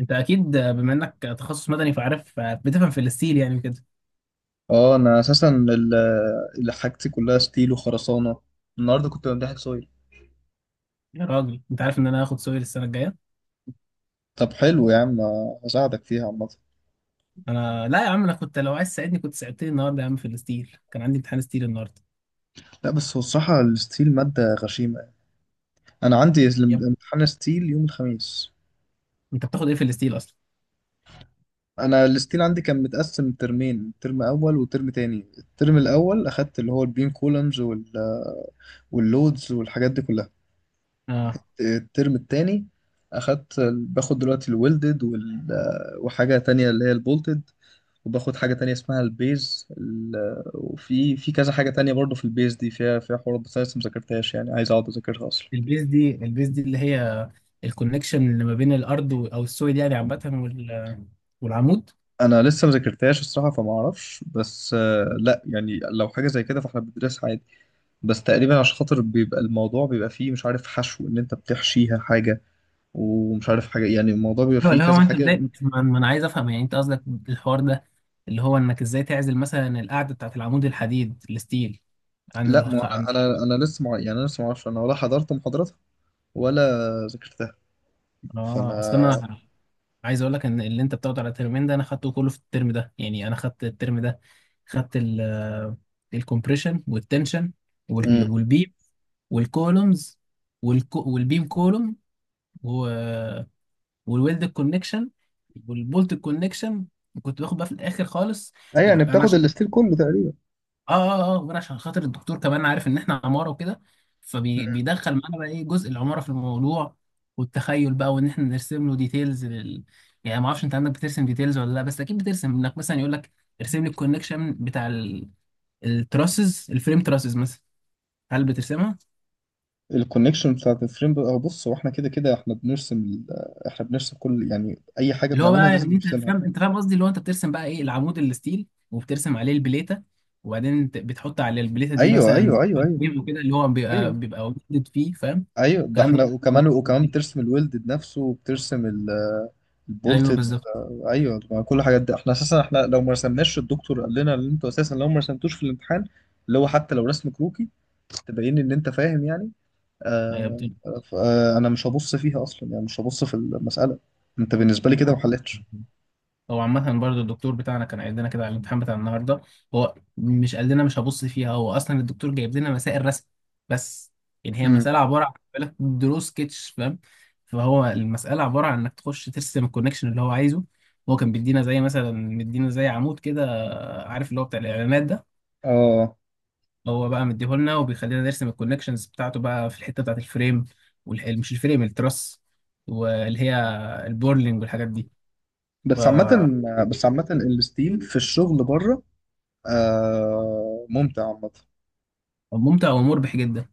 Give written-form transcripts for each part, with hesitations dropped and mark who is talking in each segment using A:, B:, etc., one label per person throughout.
A: انت اكيد بما انك تخصص مدني فعارف بتفهم في الستيل يعني كده.
B: اه انا اساسا اللي حاجتي كلها ستيل وخرسانه. النهارده كنت بمتحن سويل.
A: يا راجل انت عارف ان انا هاخد سوري السنه الجايه.
B: طب حلو يا عم، هساعدك فيها عامه.
A: انا لا يا عم، انا كنت لو عايز تساعدني كنت ساعدتني النهارده يا عم في الستيل، كان عندي امتحان ستيل النهارده.
B: لا بس هو الصراحه الستيل ماده غشيمه يعني. انا عندي
A: يا ابني
B: امتحان ستيل يوم الخميس.
A: انت بتاخد ايه في الستيل اصلا؟
B: انا الستيل عندي كان متقسم ترمين، ترم اول وترم تاني. الترم الاول اخدت اللي هو البيم كولمز واللودز والحاجات دي كلها.
A: اه،
B: الترم التاني باخد دلوقتي الويلدد وحاجه تانية اللي هي البولتد، وباخد حاجة تانية اسمها البيز، وفي كذا حاجة تانية برضو. في البيز دي فيها حوارات بس أنا لسه مذاكرتهاش، يعني عايز أقعد أذاكرها أصلا.
A: البيز دي البيز دي اللي هي الكونكشن اللي ما بين الارض او السويد يعني عامه والعمود.
B: أنا لسه مذاكرتهاش الصراحة، فما أعرفش، بس آه، لا يعني لو حاجة زي كده فإحنا بندرسها عادي. بس تقريبا عشان خاطر بيبقى الموضوع بيبقى فيه مش عارف حشو، إن أنت بتحشيها حاجة ومش عارف حاجة، يعني الموضوع بيبقى
A: ايوه
B: فيه
A: اللي هو
B: كذا
A: انت
B: حاجة.
A: ازاي ما انا عايز افهم يعني، انت قصدك الحوار ده اللي هو انك ازاي تعزل مثلا القاعده بتاعت العمود الحديد الستيل عن
B: لا ما أنا يعني أنا لسه معرفش، أنا ولا حضرت محاضراتها ولا ذاكرتها،
A: اه اصل
B: فأنا.
A: انا عايز اقول لك ان اللي انت بتاخده على الترمين ده انا خدته كله في الترم ده. يعني انا خدت الترم ده، خدت ال الكompression والتنشن
B: مم.
A: والبيم والكولومز والبيم كولوم والويلد كونكشن والبولت كونكشن، وكنت باخد بقى في الاخر خالص.
B: أي يعني
A: انا
B: بتاخد
A: عشان
B: الستيل كله تقريبا.
A: اه غير عشان خاطر الدكتور كمان عارف ان احنا عماره وكده، فبيدخل معانا بقى ايه جزء العماره في الموضوع والتخيل بقى، وان احنا نرسم له ديتيلز يعني ما اعرفش انت عندك بترسم ديتيلز ولا لا، بس اكيد بترسم انك مثلا يقول لك ارسم لي الكونكشن بتاع التراسز الفريم تراسز مثلا، هل بترسمها؟
B: الكونكشن بتاعت الفريم بقى، بص هو احنا كده كده احنا بنرسم كل، يعني اي حاجه
A: اللي هو
B: بنعملها
A: بقى
B: لازم
A: ان انت
B: نرسمها.
A: فاهم، انت فاهم قصدي اللي هو انت بترسم بقى ايه العمود الستيل وبترسم عليه البليته، وبعدين بتحط على البليته دي
B: ايوه،
A: مثلا
B: ايوه، ايوه، ايوه،
A: فريم وكده اللي هو بيبقى
B: ايوه،
A: بيبقى ويلدد فيه، فاهم
B: ايوه، ده
A: الكلام ده
B: احنا
A: كله؟
B: وكمان بترسم الويلد نفسه وبترسم
A: ايوه
B: البولتد.
A: بالظبط.
B: ايوه، ما كل الحاجات دي احنا اساسا، احنا لو ما رسمناش الدكتور قال لنا ان انتوا اساسا لو ما رسمتوش في الامتحان، اللي هو حتى لو رسم كروكي تبين ان انت فاهم يعني.
A: هي
B: آه.
A: بتبقى
B: آه انا مش هبص فيها اصلا، يعني مش هبص في المساله، انت بالنسبه لي كده ما
A: نعم.
B: حلتش.
A: هو عامة برضه الدكتور بتاعنا كان قايل لنا كده على الامتحان بتاع النهارده. هو مش قال لنا مش هبص فيها، هو اصلا الدكتور جايب لنا مسائل رسم بس. يعني هي
B: امم.
A: مسألة عبارة عن بالك دروس سكتش، فاهم؟ فهو المسألة عبارة عن انك تخش ترسم الكونكشن اللي هو عايزه. هو كان بيدينا زي مثلا مدينا زي عمود كده، عارف اللي هو بتاع الاعلانات ده؟
B: اه،
A: هو بقى مديهولنا وبيخلينا نرسم الكونكشنز بتاعته بقى في الحته بتاعت الفريم مش الفريم التراس، واللي هي البورلينج والحاجات دي.
B: بس عامة،
A: فممتع
B: بس عامة الستيم في الشغل بره، آه، ممتع عامة
A: ومربح جدا.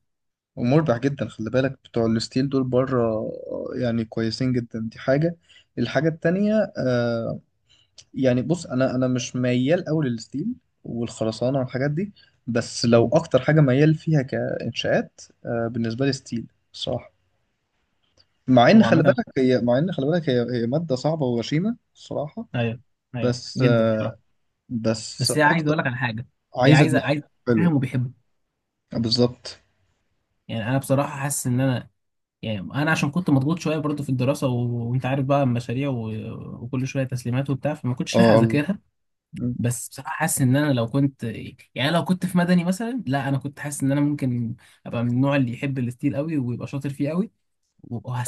B: ومربح جدا. خلي بالك بتوع الستيل دول بره، آه، يعني كويسين جدا، دي حاجة. الحاجة التانية آه، يعني بص أنا مش ميال أوي للستيل والخرسانة والحاجات دي، بس لو
A: مم.
B: أكتر حاجة ميال فيها كإنشاءات، آه، بالنسبة لي ستيل الصراحة. مع إن
A: هو
B: خلي
A: عامه
B: بالك هي، مع إن خلي بالك هي مادة صعبة وغشيمة الصراحة،
A: ايوه، ايوه
B: بس
A: جدا
B: آه،
A: بصراحه.
B: بس
A: بس هي عايز
B: أكتر،
A: اقول لك على حاجه، هي
B: عايزة
A: عايزه
B: دماغ
A: عايز فاهم
B: حلوة.
A: وبيحبه.
B: بالظبط.
A: يعني انا بصراحه حاسس ان انا يعني انا عشان كنت مضغوط شويه برضه في الدراسه وانت عارف بقى المشاريع وكل شويه تسليمات وبتاع، فما كنتش لاحق
B: اه الله.
A: اذاكرها.
B: مم.
A: بس بصراحه حاسس ان انا لو كنت يعني لو كنت في مدني مثلا، لا انا كنت حاسس ان انا ممكن ابقى من النوع اللي يحب الستيل قوي ويبقى شاطر فيه قوي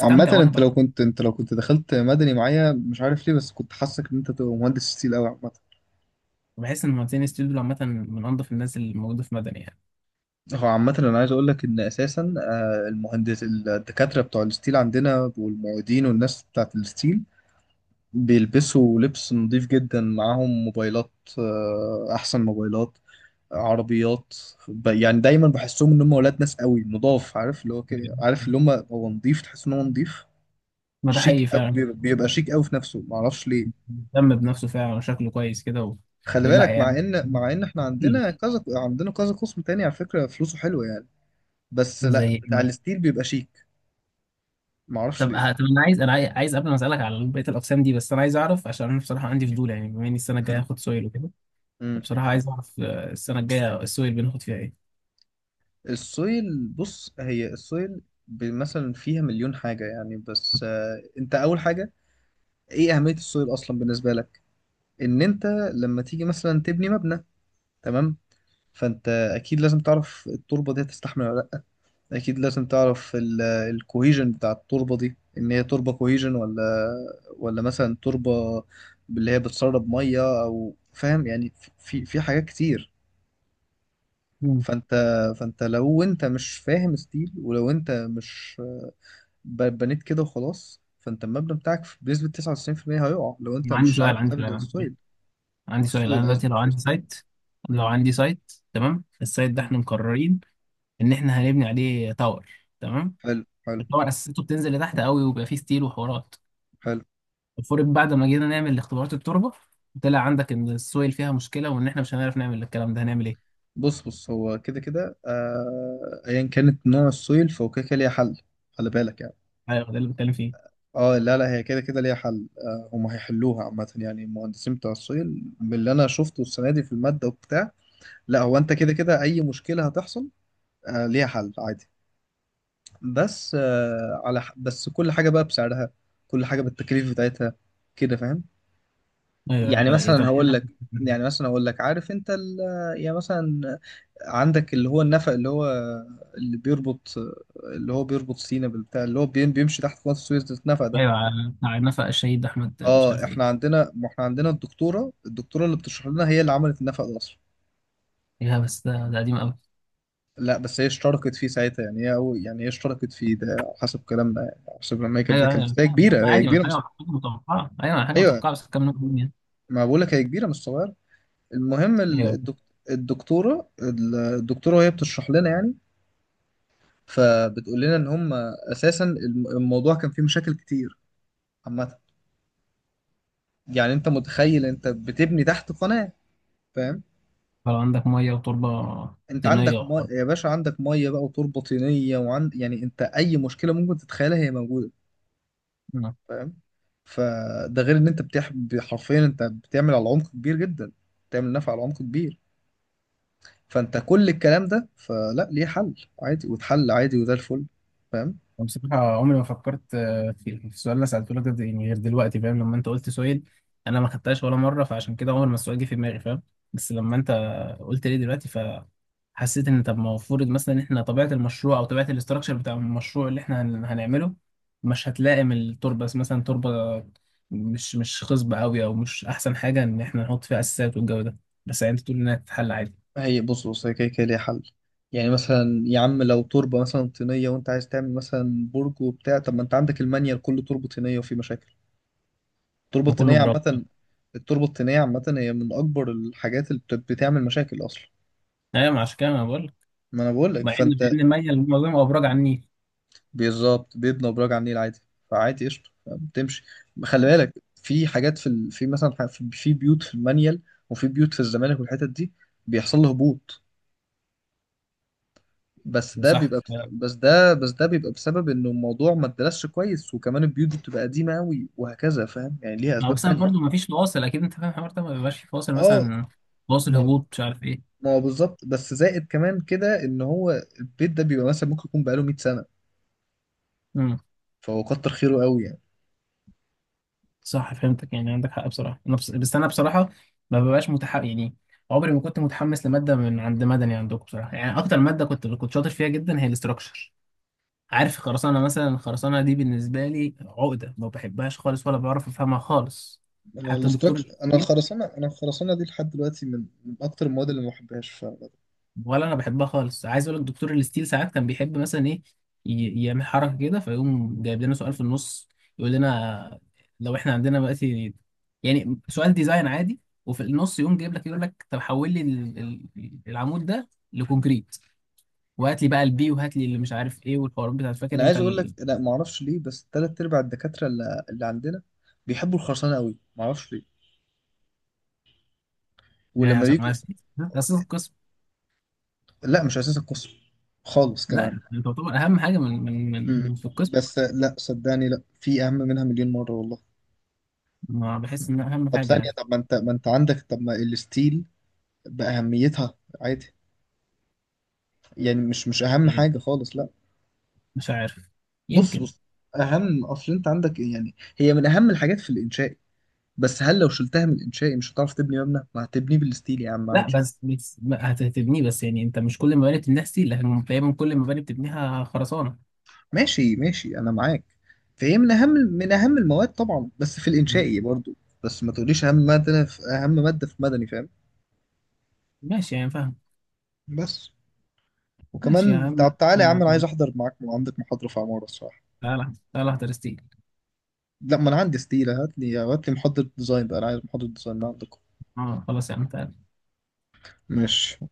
B: عامة،
A: وانا
B: انت
A: بعمل.
B: لو كنت انت لو كنت دخلت مدني معايا، مش عارف ليه بس كنت حاسك ان انت تبقى مهندس ستيل قوي عامة.
A: بحس ان مهندسين الستيل دول عامه من انظف الناس اللي موجوده في مدني يعني.
B: هو عامة انا عايز اقول لك ان اساسا آه، المهندس الدكاترة بتوع الستيل عندنا والمعيدين والناس بتاعت الستيل بيلبسوا لبس نظيف جدا، معاهم موبايلات، آه، احسن موبايلات، عربيات، ب- يعني دايما بحسهم ان هم ولاد ناس قوي نضاف، عارف اللي هو كده، عارف اللي هم هو نضيف، تحس ان هو نضيف.
A: ما ده
B: شيك
A: حقيقي
B: قوي
A: فعلا،
B: بيبقى بيبقى شيك قوي في نفسه، معرفش ليه.
A: مهتم بنفسه فعلا وشكله كويس كده و...
B: خلي
A: لا
B: بالك مع
A: يعني
B: ان مع ان احنا
A: كتير.
B: عندنا كذا قسم تاني على فكره، فلوسه حلوه يعني، بس
A: زي
B: لا
A: ايه
B: بتاع
A: مثلا؟
B: الستيل بيبقى شيك، معرفش
A: طب
B: ليه.
A: طب انا عايز انا عايز قبل ما اسالك على بقيه الاقسام دي، بس انا عايز اعرف عشان انا بصراحه عندي فضول، يعني بما اني السنه الجايه
B: مم.
A: هاخد سويل وكده،
B: مم.
A: فبصراحه عايز اعرف آه، السنه الجايه السويل بناخد فيها ايه؟
B: السويل، بص هي السويل ب- مثلا فيها مليون حاجه يعني. بس آه، انت اول حاجه ايه اهميه السويل اصلا بالنسبه لك؟ ان انت لما تيجي مثلا تبني مبنى، تمام، فانت اكيد لازم تعرف التربه دي هتستحمل ولا، اكيد لازم تعرف الكوهيجن بتاع التربه دي ان هي تربه كوهيجن ولا، ولا مثلا تربه اللي هي بتسرب ميه، او فاهم يعني. في حاجات كتير. فانت، فانت لو انت مش فاهم ستيل، ولو انت مش ب- بنيت كده وخلاص، فانت المبنى بتاعك بنسبه 99% هيقع لو انت
A: عندي
B: مش عامل
A: سؤال، عندي
B: حساب
A: سؤال، عندي
B: للسويل.
A: عندي سؤال،
B: السويل
A: انا دلوقتي
B: قصدي
A: لو
B: مش
A: عندي
B: الستيل.
A: سايت، لو
B: امم.
A: عندي سايت تمام، السايت ده
B: مم.
A: احنا مقررين ان احنا هنبني عليه تاور، تمام؟
B: حلو حلو.
A: التاور اساسته بتنزل لتحت قوي وبيبقى فيه ستيل وحوارات.
B: حلو.
A: المفروض بعد ما جينا نعمل اختبارات التربه، طلع عندك ان السويل فيها مشكله وان احنا مش هنعرف نعمل الكلام ده، هنعمل ايه؟
B: بص بص هو كده كده آه، ايا كانت نوع السويل فهو كده كده ليها حل. خلي بالك يعني.
A: ايوه ده اللي بتكلم فيه.
B: اه لا لا، هي كده كده ليها حل، آه، هم هيحلوها عامة، يعني المهندسين بتوع السويل من اللي انا شفته السنة دي في المادة وبتاع. لا، هو انت كده كده اي مشكلة هتحصل آه ليها حل عادي. بس آه، على ح- بس كل حاجة بقى بسعرها، كل حاجة بالتكاليف بتاعتها، كده فاهم.
A: ايوه
B: يعني
A: إيه،
B: مثلا
A: طب
B: هقول لك، يعني مثلا هقول لك، عارف انت يعني مثلا عندك اللي هو النفق، اللي بيربط اللي هو بيربط سينا بالبتاع اللي هو بيمشي تحت قناة السويس، ده النفق ده.
A: ايوه، بتاع نفق الشهيد احمد مش
B: اه،
A: عارف ايه.
B: احنا عندنا، ما احنا عندنا الدكتورة اللي بتشرح لنا هي اللي عملت النفق ده اصلا.
A: ايه بس ده ده قديم قوي.
B: لا بس هي اشتركت فيه ساعتها يعني، هي أو يعني هي اشتركت فيه، ده على حسب كلامنا يعني، على حسب لما هي كانت
A: ايوه
B: بتتكلم،
A: ايوه
B: بس هي
A: فاهم
B: كبيرة هي
A: عادي، ما
B: كبيرة
A: حاجه
B: مش.
A: حاجه متوقعه، ايوه حاجه
B: ايوه،
A: متوقعه بس كام نقطه يعني.
B: ما بقول لك هي كبيرة مش صغيرة. المهم
A: ايوه
B: الدكتورة وهي بتشرح لنا يعني، فبتقول لنا ان هم اساسا الموضوع كان فيه مشاكل كتير عامه. يعني انت متخيل انت بتبني تحت قناه، فاهم؟
A: لو عندك ميه وتربه
B: انت
A: طينيه
B: عندك ميه
A: وحر.
B: يا باشا، عندك ميه بقى وتربه طينيه، وعند يعني انت اي مشكله ممكن تتخيلها هي موجوده،
A: مم.
B: فاهم. فده غير ان انت حرفيا انت بتعمل على عمق كبير جدا، بتعمل نفع على عمق كبير، فانت كل الكلام ده فلا ليه حل، عادي، واتحل عادي، وده الفل. فاهم.
A: أنا بصراحة عمري ما فكرت آه، في السؤال اللي سألته لك ده يعني غير دلوقتي، فاهم؟ لما أنت قلت سؤال أنا ما خدتهاش ولا مرة، فعشان كده عمر ما السؤال جه في دماغي فاهم. بس لما أنت قلت لي دلوقتي، فحسيت إن طب ما المفروض مثلا إن إحنا طبيعة المشروع أو طبيعة الاستراكشر بتاع المشروع اللي إحنا هنعمله مش هتلائم التربة، بس مثلا تربة مش مش خصبة أوي أو مش أحسن حاجة إن إحنا نحط فيها أساسات والجو ده، بس يعني أنت تقول إنها تتحل عادي
B: هي بص بص هي كده كده ليها حل. يعني مثلا يا عم لو تربة مثلا طينية وانت عايز تعمل مثلا برج وبتاع، طب ما انت عندك المانيال كله تربة طينية وفي مشاكل. التربة
A: وكله
B: الطينية
A: برافو.
B: عامة، التربة الطينية عامة هي من أكبر الحاجات اللي بتعمل مشاكل أصلا.
A: أيوة ما عشان كده أنا بقول،
B: ما أنا بقول لك،
A: مع ان
B: فأنت،
A: بين ميه الموضوع بيبقى ابراج على النيل.
B: بالظبط، بيبنى أبراج على النيل عادي، فعادي قشطة بتمشي. خلي بالك في حاجات في مثلا ح- في بيوت في المانيال، وفي بيوت في الزمالك والحتت دي، بيحصل له هبوط، بس ده
A: صح.
B: بيبقى بس بس ده بس ده بيبقى بسبب انه الموضوع ما اتدرسش كويس، وكمان البيوت بتبقى قديمه قوي وهكذا، فاهم يعني، ليها
A: ما هو
B: اسباب
A: بس انا
B: تانية.
A: برضه ما فيش فواصل، اكيد انت فاهم الحوار ده، ما بيبقاش في فواصل
B: اه.
A: مثلا، فواصل
B: ما
A: هبوط مش عارف ايه.
B: ما هو بالظبط، بس زائد كمان كده ان هو البيت ده بيبقى مثلا ممكن يكون بقاله 100 سنه،
A: امم،
B: فهو كتر خيره قوي يعني.
A: صح فهمتك، يعني عندك حق بصراحه. انا بس، انا بصراحه ما ببقاش متحمس يعني. عمري ما كنت متحمس لماده من عند مدني عندكم بصراحه، يعني اكتر ماده كنت كنت شاطر فيها جدا هي الاستراكشر، عارف؟ خرسانه مثلا، الخرسانه دي بالنسبه لي عقده، ما بحبهاش خالص ولا بعرف افهمها خالص.
B: انا
A: حتى
B: الاستراكشر
A: الدكتور،
B: انا الخرسانه انا الخرسانه دي لحد دلوقتي من اكتر المواد اللي ما بحبهاش ف...
A: ولا انا بحبها خالص. عايز اقول لك دكتور الاستيل ساعات كان بيحب مثلا ايه، يعمل حركه كده فيقوم جايب لنا سؤال في النص، يقول لنا لو احنا عندنا دلوقتي يعني سؤال ديزاين عادي، وفي النص يقوم جايب لك يقول لك طب حول لي العمود ده لكونكريت، وهات لي بقى البي وهات لي اللي مش عارف ايه والحوارات بتاعت،
B: انا
A: فاكر انت
B: عايز اقول لك، لا ما اعرفش ليه، بس ثلاث ارباع الدكاتره اللي عندنا بيحبوا الخرسانه قوي، ما اعرفش ليه.
A: يعني
B: ولما بيجوا،
A: اساس القسم.
B: لا مش اساس القسم خالص
A: لا،
B: كمان.
A: انت تعتبر اهم حاجه من من
B: مم.
A: من في القسم.
B: بس لا صدقني، لا، في اهم منها مليون مره والله.
A: ما بحس ان اهم
B: طب ثانيه،
A: حاجه،
B: طب ما انت عندك، طب ما الستيل باهميتها عادي، يعني مش مش اهم
A: يعني
B: حاجه خالص لا.
A: مش عارف،
B: بص
A: يمكن.
B: بص اهم، اصل انت عندك يعني هي من اهم الحاجات في الانشائي، بس هل لو شلتها من الانشائي مش هتعرف تبني مبنى؟ ما هتبنيه بالستيل يا عم
A: لا
B: عادي.
A: بس بس ما هتبنيه، بس يعني انت مش كل المباني بتبنيها ستيل لكن تقريبا كل المباني بتبنيها خرسانه.
B: ماشي ماشي انا معاك. فهي من اهم المواد طبعا بس في الانشائي برضو، بس ما تقوليش اهم ماده، في اهم ماده في مدني، فاهم.
A: ماشي يعني فاهم.
B: بس
A: ماشي يا
B: وكمان،
A: عم
B: طب تعالى
A: يا
B: يا عم انا عايز
A: عم.
B: احضر معاك، عندك محاضرة في عمارة الصراحة.
A: تعالى تعالى احضر ستيل.
B: لا ما انا عندي ستيلة، هات لي محاضرة ديزاين بقى، انا عايز محاضرة ديزاين من عندكم.
A: اه خلاص يا عم تعالى.
B: ماشي.